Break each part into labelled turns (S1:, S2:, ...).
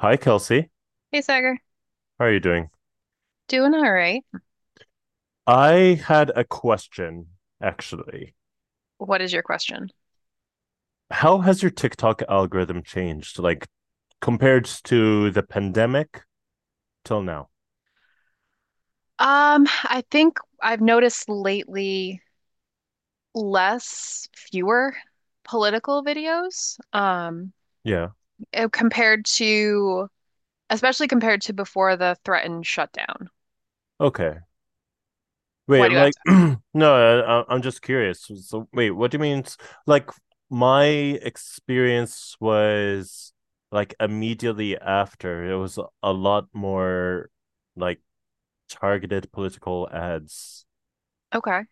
S1: Hi, Kelsey.
S2: Hey, Sagar.
S1: How are you doing?
S2: Doing all right.
S1: I had a question, actually.
S2: What is your question?
S1: How has your TikTok algorithm changed, like compared to the pandemic till now?
S2: I think I've noticed lately fewer political videos,
S1: Yeah.
S2: eh, compared to, especially compared to before the threatened shutdown.
S1: Okay. Wait,
S2: Why do you
S1: like,
S2: ask?
S1: no, am just curious. So, wait, what do you mean? Like, my experience was like immediately after, it was a lot more like targeted political ads
S2: Okay.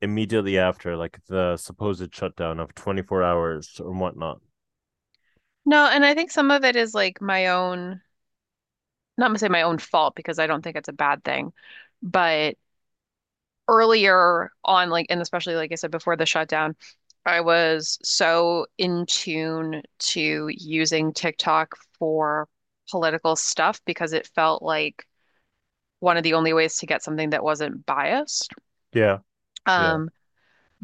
S1: immediately after, like the supposed shutdown of 24 hours or whatnot.
S2: No, and I think some of it is like my own, not gonna say my own fault because I don't think it's a bad thing, but earlier on, like, and especially like I said before the shutdown, I was so in tune to using TikTok for political stuff because it felt like one of the only ways to get something that wasn't biased.
S1: Yeah, yeah.
S2: Um,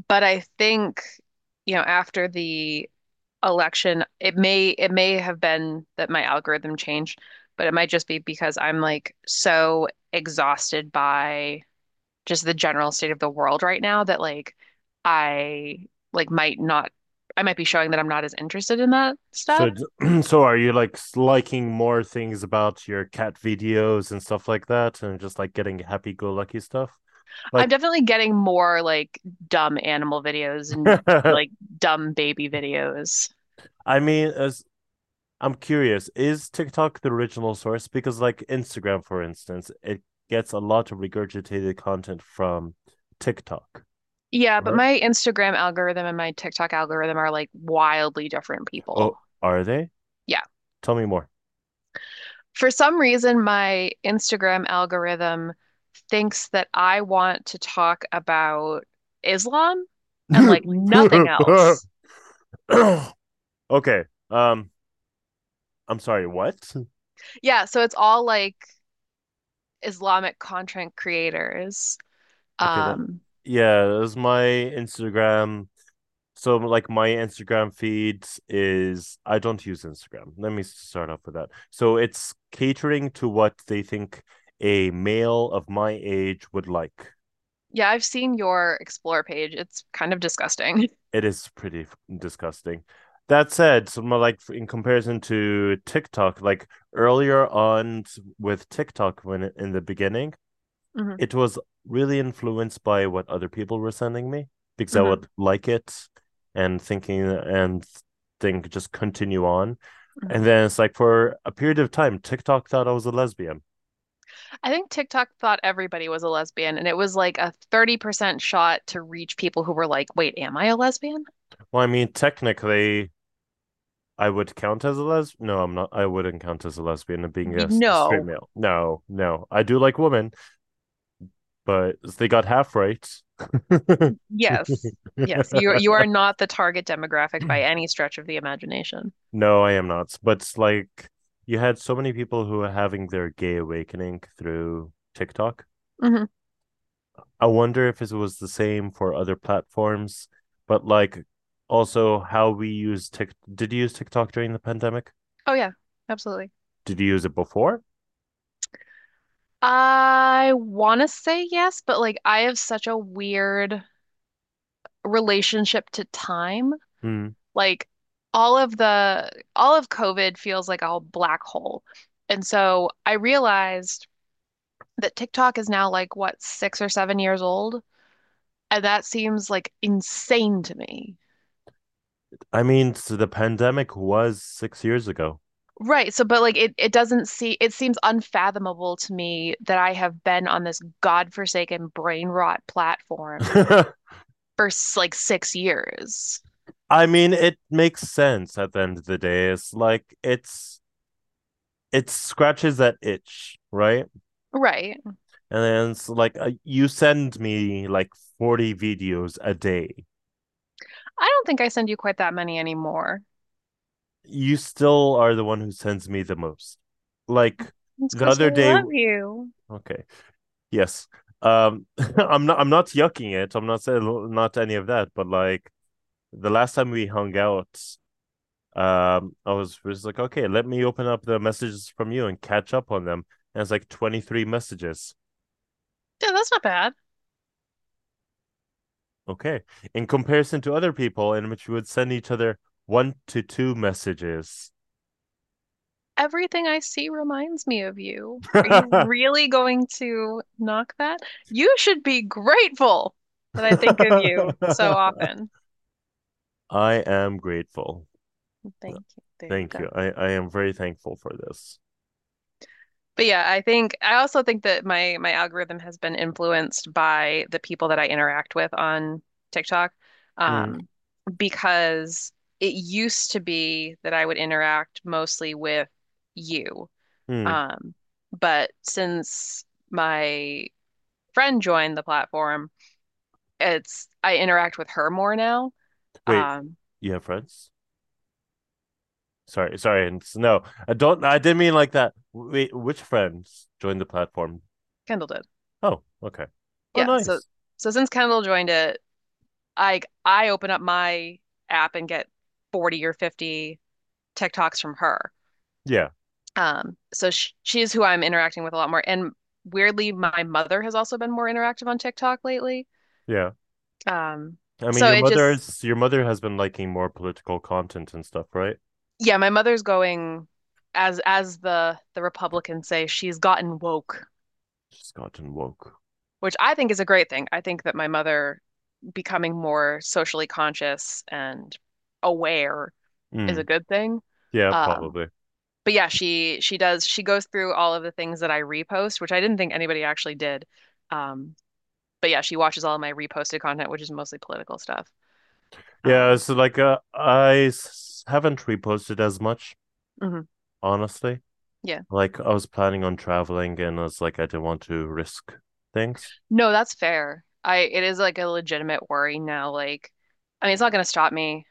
S2: but I think, you know, after the election, it may have been that my algorithm changed, but it might just be because I'm like so exhausted by just the general state of the world right now that I like might not I might be showing that I'm not as interested in that stuff.
S1: So, so are you like liking more things about your cat videos and stuff like that, and just like getting happy-go-lucky stuff?
S2: I'm
S1: Like,
S2: definitely getting more like dumb animal videos and
S1: I
S2: like dumb baby videos.
S1: mean, as I'm curious, is TikTok the original source? Because like Instagram, for instance, it gets a lot of regurgitated content from TikTok,
S2: Yeah, but
S1: right?
S2: my Instagram algorithm and my TikTok algorithm are like wildly different people.
S1: Oh, are they?
S2: Yeah.
S1: Tell me more.
S2: For some reason, my Instagram algorithm thinks that I want to talk about Islam and like nothing else.
S1: Okay. Um, I'm sorry, what?
S2: Yeah, so it's all like Islamic content creators.
S1: Okay, that
S2: Um,
S1: Yeah, that was my Instagram. So like my Instagram feeds is I don't use Instagram. Let me start off with that. So it's catering to what they think a male of my age would like.
S2: yeah, I've seen your explore page. It's kind of disgusting.
S1: It is pretty disgusting. That said, so like in comparison to TikTok, like earlier on with TikTok when in the beginning,
S2: hmm
S1: it was really influenced by what other people were sending me because I
S2: hmm
S1: would like it and thinking and think just continue on.
S2: hmm
S1: And then it's like for a period of time, TikTok thought I was a lesbian.
S2: I think TikTok thought everybody was a lesbian, and it was like a 30% shot to reach people who were like, "Wait, am I a lesbian?"
S1: Well, I mean, technically, I would count as a lesbian. No, I'm not. I wouldn't count as a lesbian and being a
S2: Y-
S1: straight
S2: No.
S1: male. No, no. I do like women, but they got half right.
S2: Yes. Yes. You are not the target demographic by any stretch of the imagination.
S1: No, I am not. But like you had so many people who are having their gay awakening through TikTok.
S2: hmm
S1: I wonder if it was the same for other platforms, but like also how we use Tik. Did you use TikTok during the pandemic?
S2: Oh yeah, absolutely.
S1: Did you use it before?
S2: I want to say yes, but like I have such a weird relationship to time.
S1: Mm.
S2: Like all of the all of COVID feels like a black hole. And so I realized that TikTok is now like what, 6 or 7 years old? And that seems like insane to me.
S1: I mean, so the pandemic was 6 years ago.
S2: Right. So, but it doesn't it seems unfathomable to me that I have been on this godforsaken brain rot platform
S1: I
S2: for like 6 years.
S1: mean, it makes sense at the end of the day. It's like it scratches that itch, right?
S2: Right.
S1: And then it's like you send me like 40 videos a day.
S2: I don't think I send you quite that many anymore.
S1: You still are the one who sends me the most, like,
S2: It's
S1: the
S2: because I
S1: other day,
S2: love you.
S1: okay, yes, um I'm not yucking it. I'm not saying not any of that, but like the last time we hung out, I was just like, okay, let me open up the messages from you and catch up on them, and it's like 23 messages.
S2: Yeah, that's not bad.
S1: Okay, in comparison to other people in which we would send each other one to two messages.
S2: Everything I see reminds me of you. Are you
S1: I
S2: really going to knock that? You should be grateful that I think of you so often.
S1: am grateful.
S2: Thank you. There you
S1: Thank
S2: go.
S1: you. I am very thankful for this.
S2: But yeah, I think I also think that my algorithm has been influenced by the people that I interact with on TikTok,
S1: Mm,
S2: um, because it used to be that I would interact mostly with you.
S1: mm.
S2: Um, but since my friend joined the platform, it's I interact with her more now.
S1: Wait,
S2: Um,
S1: you have friends? Sorry, sorry. No, I don't. I didn't mean like that. Wait, which friends joined the platform?
S2: Kendall did.
S1: Oh, okay. Oh,
S2: Yeah. So
S1: nice.
S2: so since Kendall joined it, I open up my app and get 40 or 50 TikToks from her.
S1: Yeah,
S2: So she's who I'm interacting with a lot more. And weirdly, my mother has also been more interactive on TikTok lately.
S1: yeah.
S2: Um,
S1: I mean,
S2: so it just,
S1: your mother has been liking more political content and stuff, right?
S2: yeah, my mother's going as the Republicans say, she's gotten woke,
S1: She's gotten woke.
S2: which I think is a great thing. I think that my mother becoming more socially conscious and aware is a
S1: Mm,
S2: good thing.
S1: yeah,
S2: Um,
S1: probably.
S2: but yeah, she goes through all of the things that I repost, which I didn't think anybody actually did. Um, but yeah, she watches all of my reposted content, which is mostly political stuff.
S1: Yeah.
S2: Um,
S1: So like, I haven't reposted as much,
S2: mhm,
S1: honestly.
S2: yeah,
S1: Like I was planning on traveling and I was like I didn't want to risk things.
S2: no, that's fair. I It is like a legitimate worry now. Like, I mean, it's not going to stop me.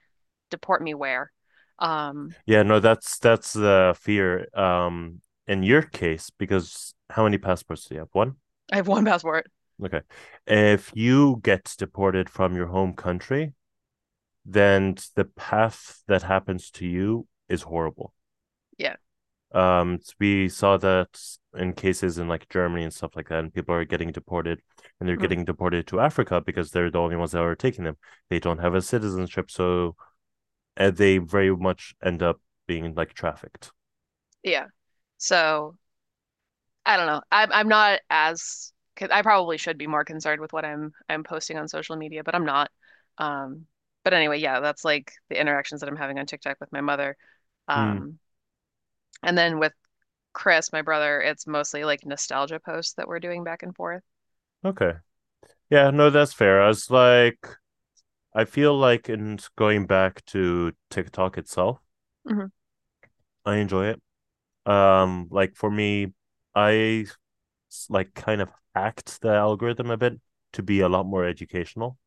S2: Deport me where? Um,
S1: Yeah, no, that's the fear. In your case, because how many passports do you have? One?
S2: I have one passport.
S1: Okay. If you get deported from your home country, then the path that happens to you is horrible.
S2: Yeah,
S1: We saw that in cases in like Germany and stuff like that, and people are getting deported and they're
S2: mhm,
S1: getting deported to Africa because they're the only ones that are taking them. They don't have a citizenship, so and they very much end up being like trafficked.
S2: yeah. So I don't know. I'm not as 'cause I probably should be more concerned with what I'm posting on social media, but I'm not. Um, but anyway, yeah, that's like the interactions that I'm having on TikTok with my mother.
S1: Hmm.
S2: Um, and then with Chris, my brother, it's mostly like nostalgia posts that we're doing back and forth.
S1: Okay. Yeah, no, that's fair. I was like, I feel like in going back to TikTok itself,
S2: hmm
S1: I enjoy it. Like for me, I like kind of hacked the algorithm a bit to be a lot more educational.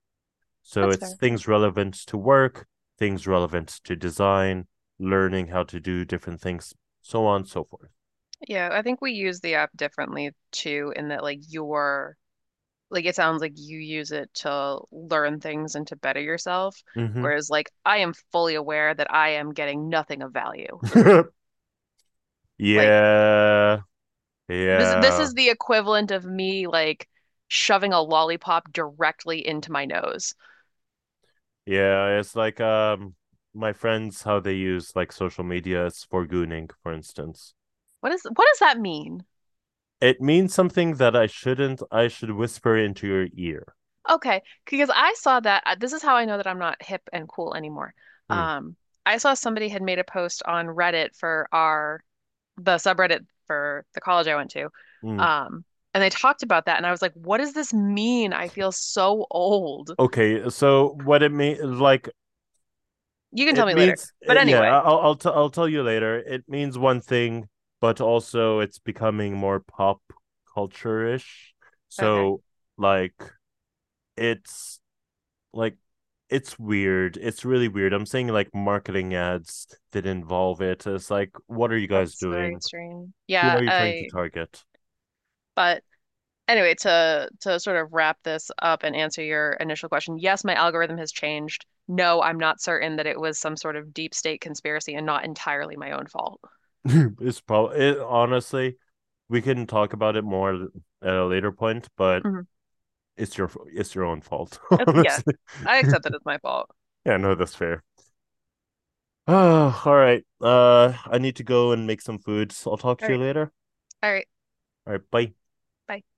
S1: So
S2: That's
S1: it's
S2: fair. Yeah.
S1: things relevant to work, things relevant to design, learning how to do different things, so on and so forth.
S2: Yeah, I think we use the app differently too, in that like you're like it sounds like you use it to learn things and to better yourself, whereas like I am fully aware that I am getting nothing of value.
S1: Mm-hmm.
S2: Like
S1: Yeah.
S2: this
S1: Yeah.
S2: is the equivalent of me like shoving a lollipop directly into my nose.
S1: Yeah, it's like my friends how they use like social media is for gooning, for instance.
S2: What does that mean?
S1: It means something that I shouldn't. I should whisper into your ear.
S2: Okay, because I saw that this is how I know that I'm not hip and cool anymore.
S1: Hmm,
S2: Um, I saw somebody had made a post on Reddit for our the subreddit for the college I went to.
S1: hmm.
S2: Um, and they talked about that and I was like, what does this mean? I feel so old.
S1: Okay, so what it means, like
S2: You can tell
S1: it
S2: me later.
S1: means,
S2: But
S1: yeah.
S2: anyway,
S1: I'll tell you later. It means one thing, but also it's becoming more pop culture ish.
S2: okay.
S1: So like it's like it's weird. It's really weird. I'm seeing like marketing ads that involve it. It's like, what are you guys
S2: That's very
S1: doing?
S2: strange.
S1: Who
S2: Yeah,
S1: are you trying to
S2: I
S1: target?
S2: but Anyway, to sort of wrap this up and answer your initial question, yes, my algorithm has changed. No, I'm not certain that it was some sort of deep state conspiracy and not entirely my own fault.
S1: It's probably it, honestly. We can talk about it more at a later point, but
S2: Mhm.
S1: it's your own fault,
S2: Yeah,
S1: honestly.
S2: I
S1: Yeah,
S2: accept that it's my fault.
S1: no, that's fair. Oh, all right. I need to go and make some food. So I'll talk
S2: All
S1: to you
S2: right.
S1: later.
S2: All right.
S1: All right, bye.
S2: Bye.